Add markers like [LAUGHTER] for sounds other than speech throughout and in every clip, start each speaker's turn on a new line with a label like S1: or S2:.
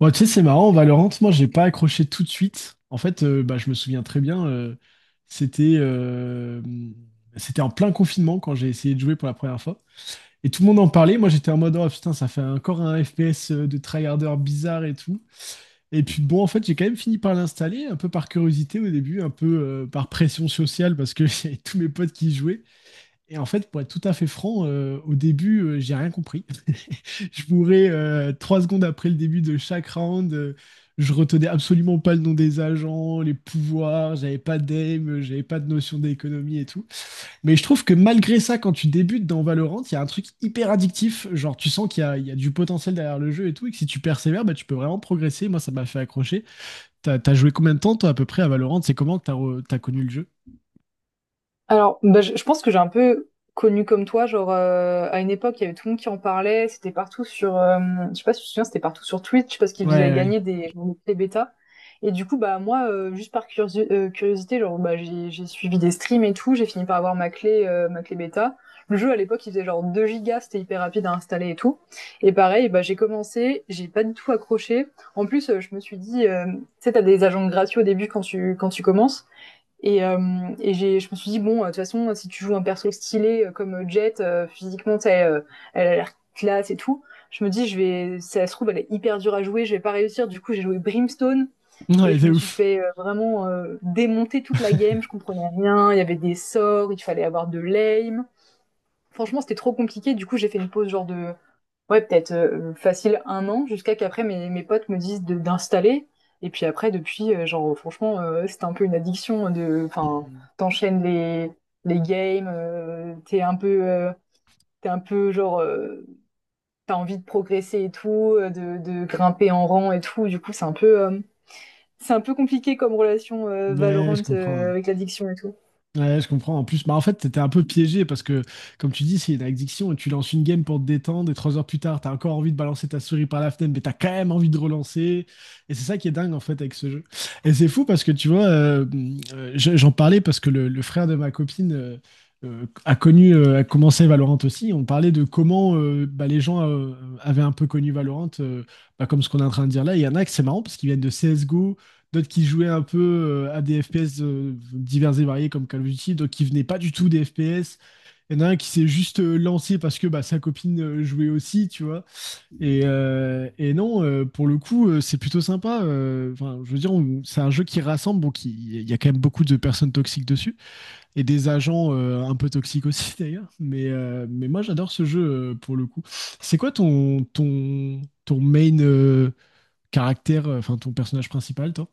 S1: Bon, tu sais, c'est marrant, Valorant, moi, j'ai pas accroché tout de suite. En fait, je me souviens très bien, c'était euh, c'était en plein confinement quand j'ai essayé de jouer pour la première fois. Et tout le monde en parlait. Moi, j'étais en mode, oh putain, ça fait encore un FPS de tryharder bizarre et tout. Et puis, bon, en fait, j'ai quand même fini par l'installer, un peu par curiosité au début, un peu par pression sociale, parce que [LAUGHS] j'avais tous mes potes qui y jouaient. Et en fait, pour être tout à fait franc, au début, j'ai rien compris. Je bourrais trois secondes après le début de chaque round. Je retenais absolument pas le nom des agents, les pouvoirs, j'avais pas d'aim, j'avais pas de notion d'économie et tout. Mais je trouve que malgré ça, quand tu débutes dans Valorant, il y a un truc hyper addictif. Genre, tu sens qu'il y a du potentiel derrière le jeu et tout, et que si tu persévères, bah, tu peux vraiment progresser. Moi, ça m'a fait accrocher. T'as joué combien de temps, toi, à peu près, à Valorant? C'est comment que t'as connu le jeu?
S2: Alors, bah, je pense que j'ai un peu connu comme toi, genre à une époque, il y avait tout le monde qui en parlait, c'était partout je sais pas si tu te souviens, c'était partout sur Twitch parce qu'ils faisaient
S1: Ouais,
S2: gagner des bêta. Et du coup, bah moi, juste par curiosité, genre bah j'ai suivi des streams et tout, j'ai fini par avoir ma clé bêta. Le jeu à l'époque, il faisait genre 2 gigas, c'était hyper rapide à installer et tout. Et pareil, bah j'ai commencé, j'ai pas du tout accroché. En plus, je me suis dit, tu sais, t'as des agents gratuits au début quand tu commences. Et, euh, et je me suis dit, bon, de toute façon, si tu joues un perso stylé comme Jet, physiquement, tu sais, elle a l'air classe et tout, je me dis, si ça se trouve, elle est hyper dure à jouer, je vais pas réussir. Du coup, j'ai joué Brimstone
S1: ouais.
S2: et
S1: Ouais,
S2: je
S1: c'est
S2: me suis
S1: ouf.
S2: fait vraiment démonter toute la game.
S1: [LAUGHS]
S2: Je comprenais rien, il y avait des sorts, il fallait avoir de l'aim. Franchement, c'était trop compliqué, du coup, j'ai fait une pause genre de ouais, peut-être facile un an, jusqu'à qu'après mes potes me disent d'installer. Et puis après, depuis, genre, franchement, ouais, c'est un peu une addiction de, enfin,
S1: Mm.
S2: t'enchaînes les games, t'es un peu genre, t'as envie de progresser et tout, de grimper en rang et tout. Du coup, c'est un peu compliqué comme relation
S1: Mais je
S2: Valorant
S1: comprends.
S2: avec l'addiction et tout.
S1: Ouais, je comprends. En plus, bah, en fait, t'étais un peu piégé parce que, comme tu dis, c'est une addiction et tu lances une game pour te détendre et trois heures plus tard, t'as encore envie de balancer ta souris par la fenêtre, mais t'as quand même envie de relancer. Et c'est ça qui est dingue, en fait, avec ce jeu. Et c'est fou parce que, tu vois, j'en parlais parce que le frère de ma copine euh, a commencé Valorant aussi. On parlait de comment bah, les gens avaient un peu connu Valorant, bah, comme ce qu'on est en train de dire là. Il y en a que c'est marrant parce qu'ils viennent de CSGO, d'autres qui jouaient un peu à des FPS divers et variés comme Call of Duty, d'autres qui venaient pas du tout des FPS. Il y en a un qui s'est juste lancé parce que bah, sa copine jouait aussi, tu vois. Et non, pour le coup, c'est plutôt sympa. Enfin, je veux dire, c'est un jeu qui rassemble, bon, il y a quand même beaucoup de personnes toxiques dessus et des agents un peu toxiques aussi [LAUGHS] d'ailleurs. Mais moi, j'adore ce jeu pour le coup. C'est quoi ton main caractère, enfin ton personnage principal, toi?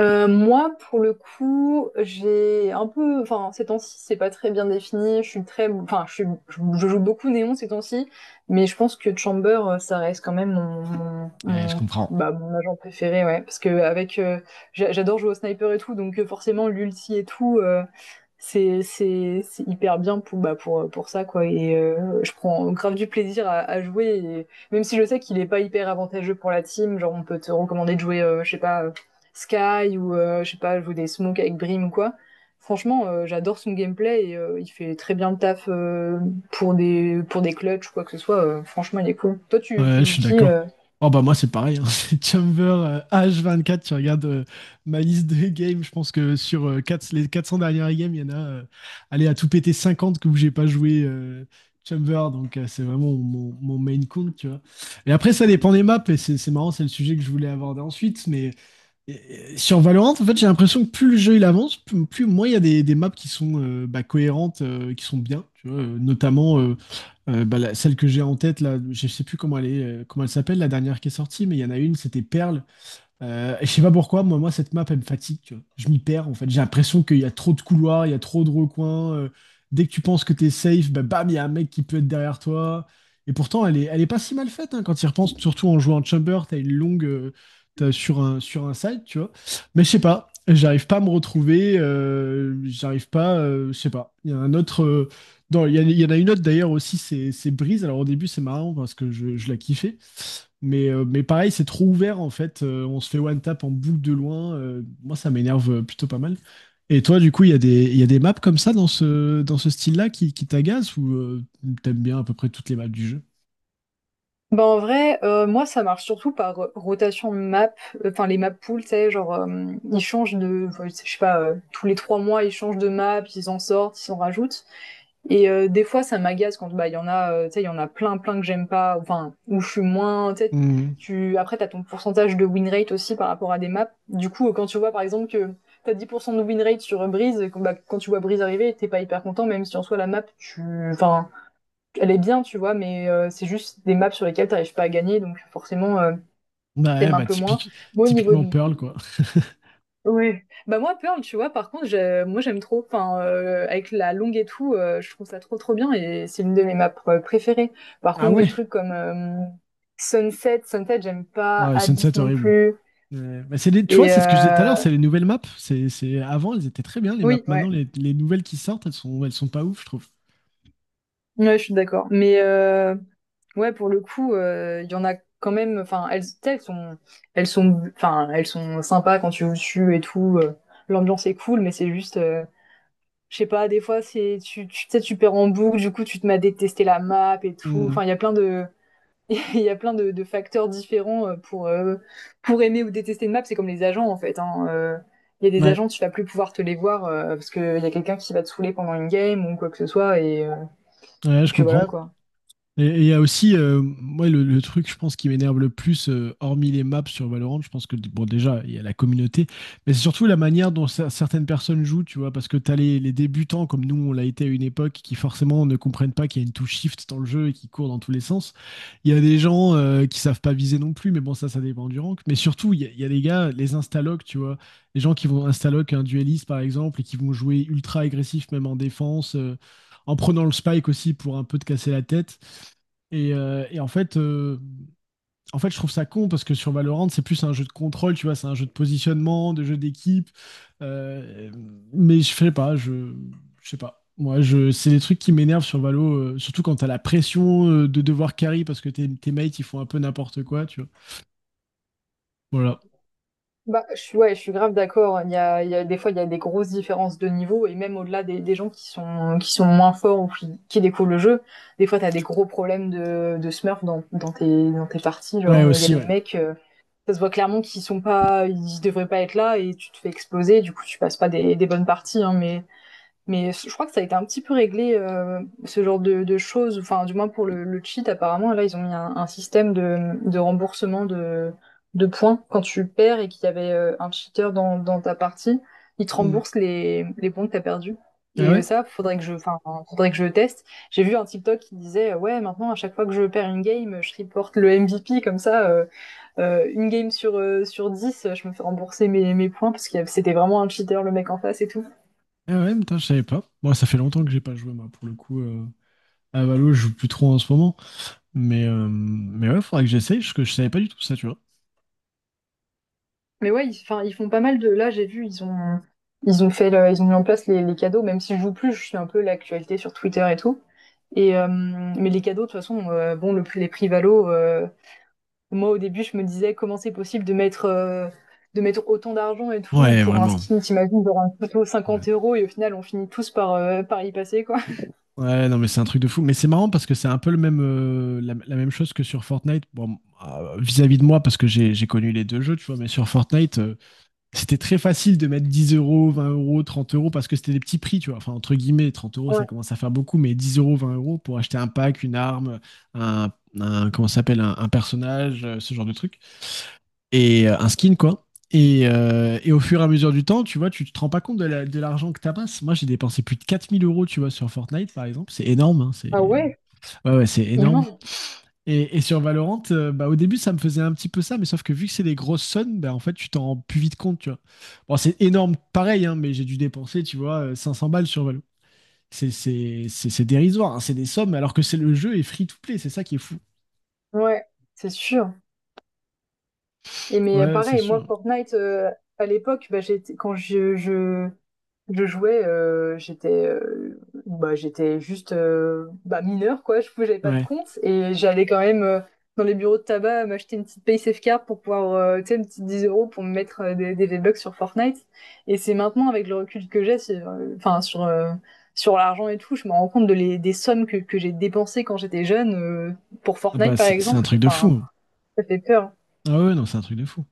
S2: Moi, pour le coup, j'ai un peu, enfin, ces temps-ci, c'est pas très bien défini. Je suis très, enfin, je joue beaucoup Néon ces temps-ci, mais je pense que Chamber, ça reste quand même
S1: Ouais, je comprends.
S2: bah, mon agent préféré, ouais. Parce que j'adore jouer au sniper et tout, donc forcément l'ulti et tout, c'est hyper bien bah, pour ça, quoi. Et je prends grave du plaisir à jouer, et même si je sais qu'il est pas hyper avantageux pour la team, genre on peut te recommander de jouer, je sais pas. Sky ou je sais pas, joue des smokes avec Brim ou quoi. Franchement, j'adore son gameplay et il fait très bien le taf pour des clutches ou quoi que ce soit. Franchement, il est cool. Toi, tu,
S1: Ouais,
S2: tu
S1: je
S2: joues
S1: suis
S2: qui
S1: d'accord.
S2: euh
S1: Oh bah moi c'est pareil, hein. [LAUGHS] C'est Chamber H24, tu regardes ma liste de games, je pense que sur euh, les 400 dernières games, il y en a allez, à tout péter 50 que où j'ai pas joué Chamber, donc c'est vraiment mon, mon main compte, tu vois. Et après ça dépend des maps, et c'est marrant, c'est le sujet que je voulais aborder ensuite, mais et sur Valorant, en fait, j'ai l'impression que plus le jeu il avance, plus moins il y a des maps qui sont bah, cohérentes, qui sont bien, tu vois, notamment bah, celle que j'ai en tête là, je sais plus comment elle est, comment elle s'appelle la dernière qui est sortie, mais il y en a une, c'était Pearl, et je sais pas pourquoi, moi, cette map, elle me fatigue, tu vois. Je m'y perds, en fait. J'ai l'impression qu'il y a trop de couloirs, il y a trop de recoins. Dès que tu penses que t'es safe, bah, bam, il y a un mec qui peut être derrière toi. Et pourtant, elle est pas si mal faite, hein, quand tu y repenses, surtout en jouant en chamber, t'as une longue, t'as sur un side, tu vois. Mais je sais pas, j'arrive pas à me retrouver, j'arrive pas, je sais pas. Il y a un autre, euh, non, il y en a une autre d'ailleurs aussi, c'est Breeze. Alors au début, c'est marrant parce que je la kiffais. Mais pareil, c'est trop ouvert en fait. On se fait one tap en boucle de loin. Moi, ça m'énerve plutôt pas mal. Et toi, du coup, il y a des maps comme ça dans dans ce style-là qui t'agacent ou t'aimes bien à peu près toutes les maps du jeu?
S2: Ben en vrai, moi ça marche surtout par rotation de map, enfin les map pools, tu sais, genre ils changent de, enfin, je sais pas, tous les 3 mois ils changent de map, ils en sortent, ils en rajoutent. Et des fois, ça m'agace quand bah il y en a, tu sais, il y en a plein, plein que j'aime pas, enfin où je suis moins, tu sais.
S1: Hmm.
S2: Tu Après t'as ton pourcentage de win rate aussi par rapport à des maps. Du coup, quand tu vois par exemple que t'as 10% de win rate sur Breeze, et bah, quand tu vois Breeze arriver, t'es pas hyper content, même si en soi la map, enfin, elle est bien, tu vois, mais c'est juste des maps sur lesquelles t'arrives pas à gagner, donc forcément
S1: Ouais,
S2: t'aimes un peu moins. Moi, au niveau
S1: typiquement
S2: du.
S1: Pearl, quoi. [LAUGHS]
S2: Ouais. Bah moi, Pearl, tu vois, par contre, moi j'aime trop. Enfin, avec la longue et tout, je trouve ça trop trop bien et c'est l'une de mes maps préférées. Par
S1: Ah
S2: contre, des
S1: ouais.
S2: trucs comme Sunset, j'aime pas.
S1: Ouais,
S2: Abyss
S1: Sunset
S2: non
S1: horrible.
S2: plus.
S1: Ouais, mais c'est les, tu vois,
S2: Et
S1: c'est ce que je disais tout à l'heure, c'est les nouvelles maps. Avant, elles étaient très bien, les maps.
S2: oui,
S1: Maintenant,
S2: ouais,
S1: les nouvelles qui sortent, elles sont pas ouf, je trouve.
S2: ouais, je suis d'accord. Mais ouais, pour le coup, il y en a quand même. Enfin, elles, tu sais, enfin, elles sont sympas quand tu joues dessus et tout. L'ambiance est cool, mais c'est juste. Je sais pas, des fois, c'est tu, tu tu sais, tu perds en boucle, du coup, tu te mets à détester la map et tout.
S1: Hmm.
S2: Enfin, il y a plein de, [LAUGHS] il y a plein de facteurs différents pour aimer ou détester une map. C'est comme les agents, en fait, hein. Il y a des
S1: Ouais,
S2: agents, tu vas plus pouvoir te les voir parce qu'il y a quelqu'un qui va te saouler pendant une game ou quoi que ce soit. Et, euh,
S1: ouais,
S2: et
S1: je
S2: puis voilà,
S1: comprends.
S2: quoi.
S1: Et il y a aussi, moi, le truc, je pense, qui m'énerve le plus, hormis les maps sur Valorant, je pense que, bon, déjà, il y a la communauté, mais c'est surtout la manière dont certaines personnes jouent, tu vois, parce que t'as les débutants, comme nous, on l'a été à une époque, qui forcément ne comprennent pas qu'il y a une touche shift dans le jeu et qui courent dans tous les sens. Il y a des gens qui savent pas viser non plus, mais bon, ça dépend du rank. Mais surtout, il y a des gars, les instalocs, tu vois, les gens qui vont instaloc un dueliste, par exemple, et qui vont jouer ultra agressif, même en défense, en prenant le spike aussi pour un peu te casser la tête. Et en fait, je trouve ça con parce que sur Valorant, c'est plus un jeu de contrôle, tu vois, c'est un jeu de positionnement, de jeu d'équipe. Euh, mais je sais pas, je sais pas. Moi, je, C'est des trucs qui m'énervent sur Valo, surtout quand t'as la pression de devoir carry parce que tes mates ils font un peu n'importe quoi, tu vois. Voilà.
S2: Bah, ouais, je suis grave d'accord. Des fois, il y a des grosses différences de niveau, et même au-delà des gens qui sont moins forts ou qui découvrent le jeu, des fois, t'as des gros problèmes de smurf dans tes parties.
S1: Ouais,
S2: Genre, il y a
S1: aussi,
S2: des
S1: ouais.
S2: mecs, ça se voit clairement qu'ils sont pas, ils devraient pas être là, et tu te fais exploser, du coup, tu passes pas des bonnes parties, hein, mais je crois que ça a été un petit peu réglé, ce genre de choses, enfin du moins pour le cheat apparemment, là ils ont mis un système de remboursement de points quand tu perds et qu'il y avait un cheater dans ta partie, ils te
S1: Mm.
S2: remboursent les points que t'as perdus.
S1: Ah
S2: Et
S1: ouais?
S2: ça, enfin, faudrait que je teste. J'ai vu un TikTok qui disait, ouais, maintenant à chaque fois que je perds une game, je reporte le MVP comme ça, une game sur 10, je me fais rembourser mes points parce que c'était vraiment un cheater le mec en face et tout.
S1: Ah ouais, putain, je savais pas. Moi, ça fait longtemps que j'ai pas joué, moi, pour le coup. À Valo, je joue plus trop en ce moment. Mais ouais, faudrait que j'essaye, parce que je savais pas du tout ça, tu vois.
S2: Mais ouais, enfin, ils font pas mal de. Là, j'ai vu, ils ont mis en place les cadeaux. Même si je joue plus, je suis un peu l'actualité sur Twitter et tout. Et mais les cadeaux, de toute façon, bon, les prix Valo. Moi, au début, je me disais comment c'est possible de mettre autant d'argent et tout
S1: Ouais,
S2: pour un
S1: vraiment.
S2: skin. T'imagines, genre un couteau
S1: Ouais.
S2: 50 euros et au final, on finit tous par y passer, quoi.
S1: Ouais, non, mais c'est un truc de fou. Mais c'est marrant parce que c'est un peu le même, euh, la même chose que sur Fortnite. Bon, vis-à-vis de moi, parce que j'ai connu les deux jeux, tu vois, mais sur Fortnite, c'était très facile de mettre 10 euros, 20 euros, 30 euros, parce que c'était des petits prix, tu vois. Enfin, entre guillemets, 30 euros,
S2: Ouais.
S1: ça commence à faire beaucoup, mais 10 euros, 20 euros pour acheter un pack, une arme, un, comment ça s'appelle, un personnage, ce genre de truc et un skin, quoi. Et au fur et à mesure du temps, tu vois, tu te rends pas compte de de l'argent que tu amasses. Moi, j'ai dépensé plus de 4000 euros, tu vois, sur Fortnite, par exemple. C'est énorme, hein, c'est...
S2: Ah ouais,
S1: Ouais, ouais, c'est énorme.
S2: immense.
S1: Et sur Valorant, bah, au début, ça me faisait un petit peu ça, mais sauf que vu que c'est des grosses sommes, bah, en fait, tu t'en rends plus vite compte, tu vois. Bon, c'est énorme, pareil, hein, mais j'ai dû dépenser, tu vois, 500 balles sur Valo. C'est dérisoire, hein, c'est des sommes, alors que c'est le jeu est free to play, c'est ça qui est fou.
S2: Ouais, c'est sûr. Et mais
S1: Ouais, c'est
S2: pareil, moi,
S1: sûr.
S2: Fortnite, à l'époque, bah, quand je jouais, bah, j'étais juste bah, mineure, quoi. Je n'avais pas de
S1: Ouais.
S2: compte et j'allais quand même dans les bureaux de tabac m'acheter une petite PaySafe card pour pouvoir, tu sais, une petite 10 euros pour me mettre des V-Bucks sur Fortnite. Et c'est maintenant, avec le recul que j'ai, enfin, sur l'argent et tout, je me rends compte des sommes que j'ai dépensées quand j'étais jeune pour
S1: Ah
S2: Fortnite,
S1: bah,
S2: par
S1: c'est un
S2: exemple.
S1: truc de
S2: Enfin,
S1: fou.
S2: ça fait peur.
S1: Ah ouais, non, c'est un truc de fou.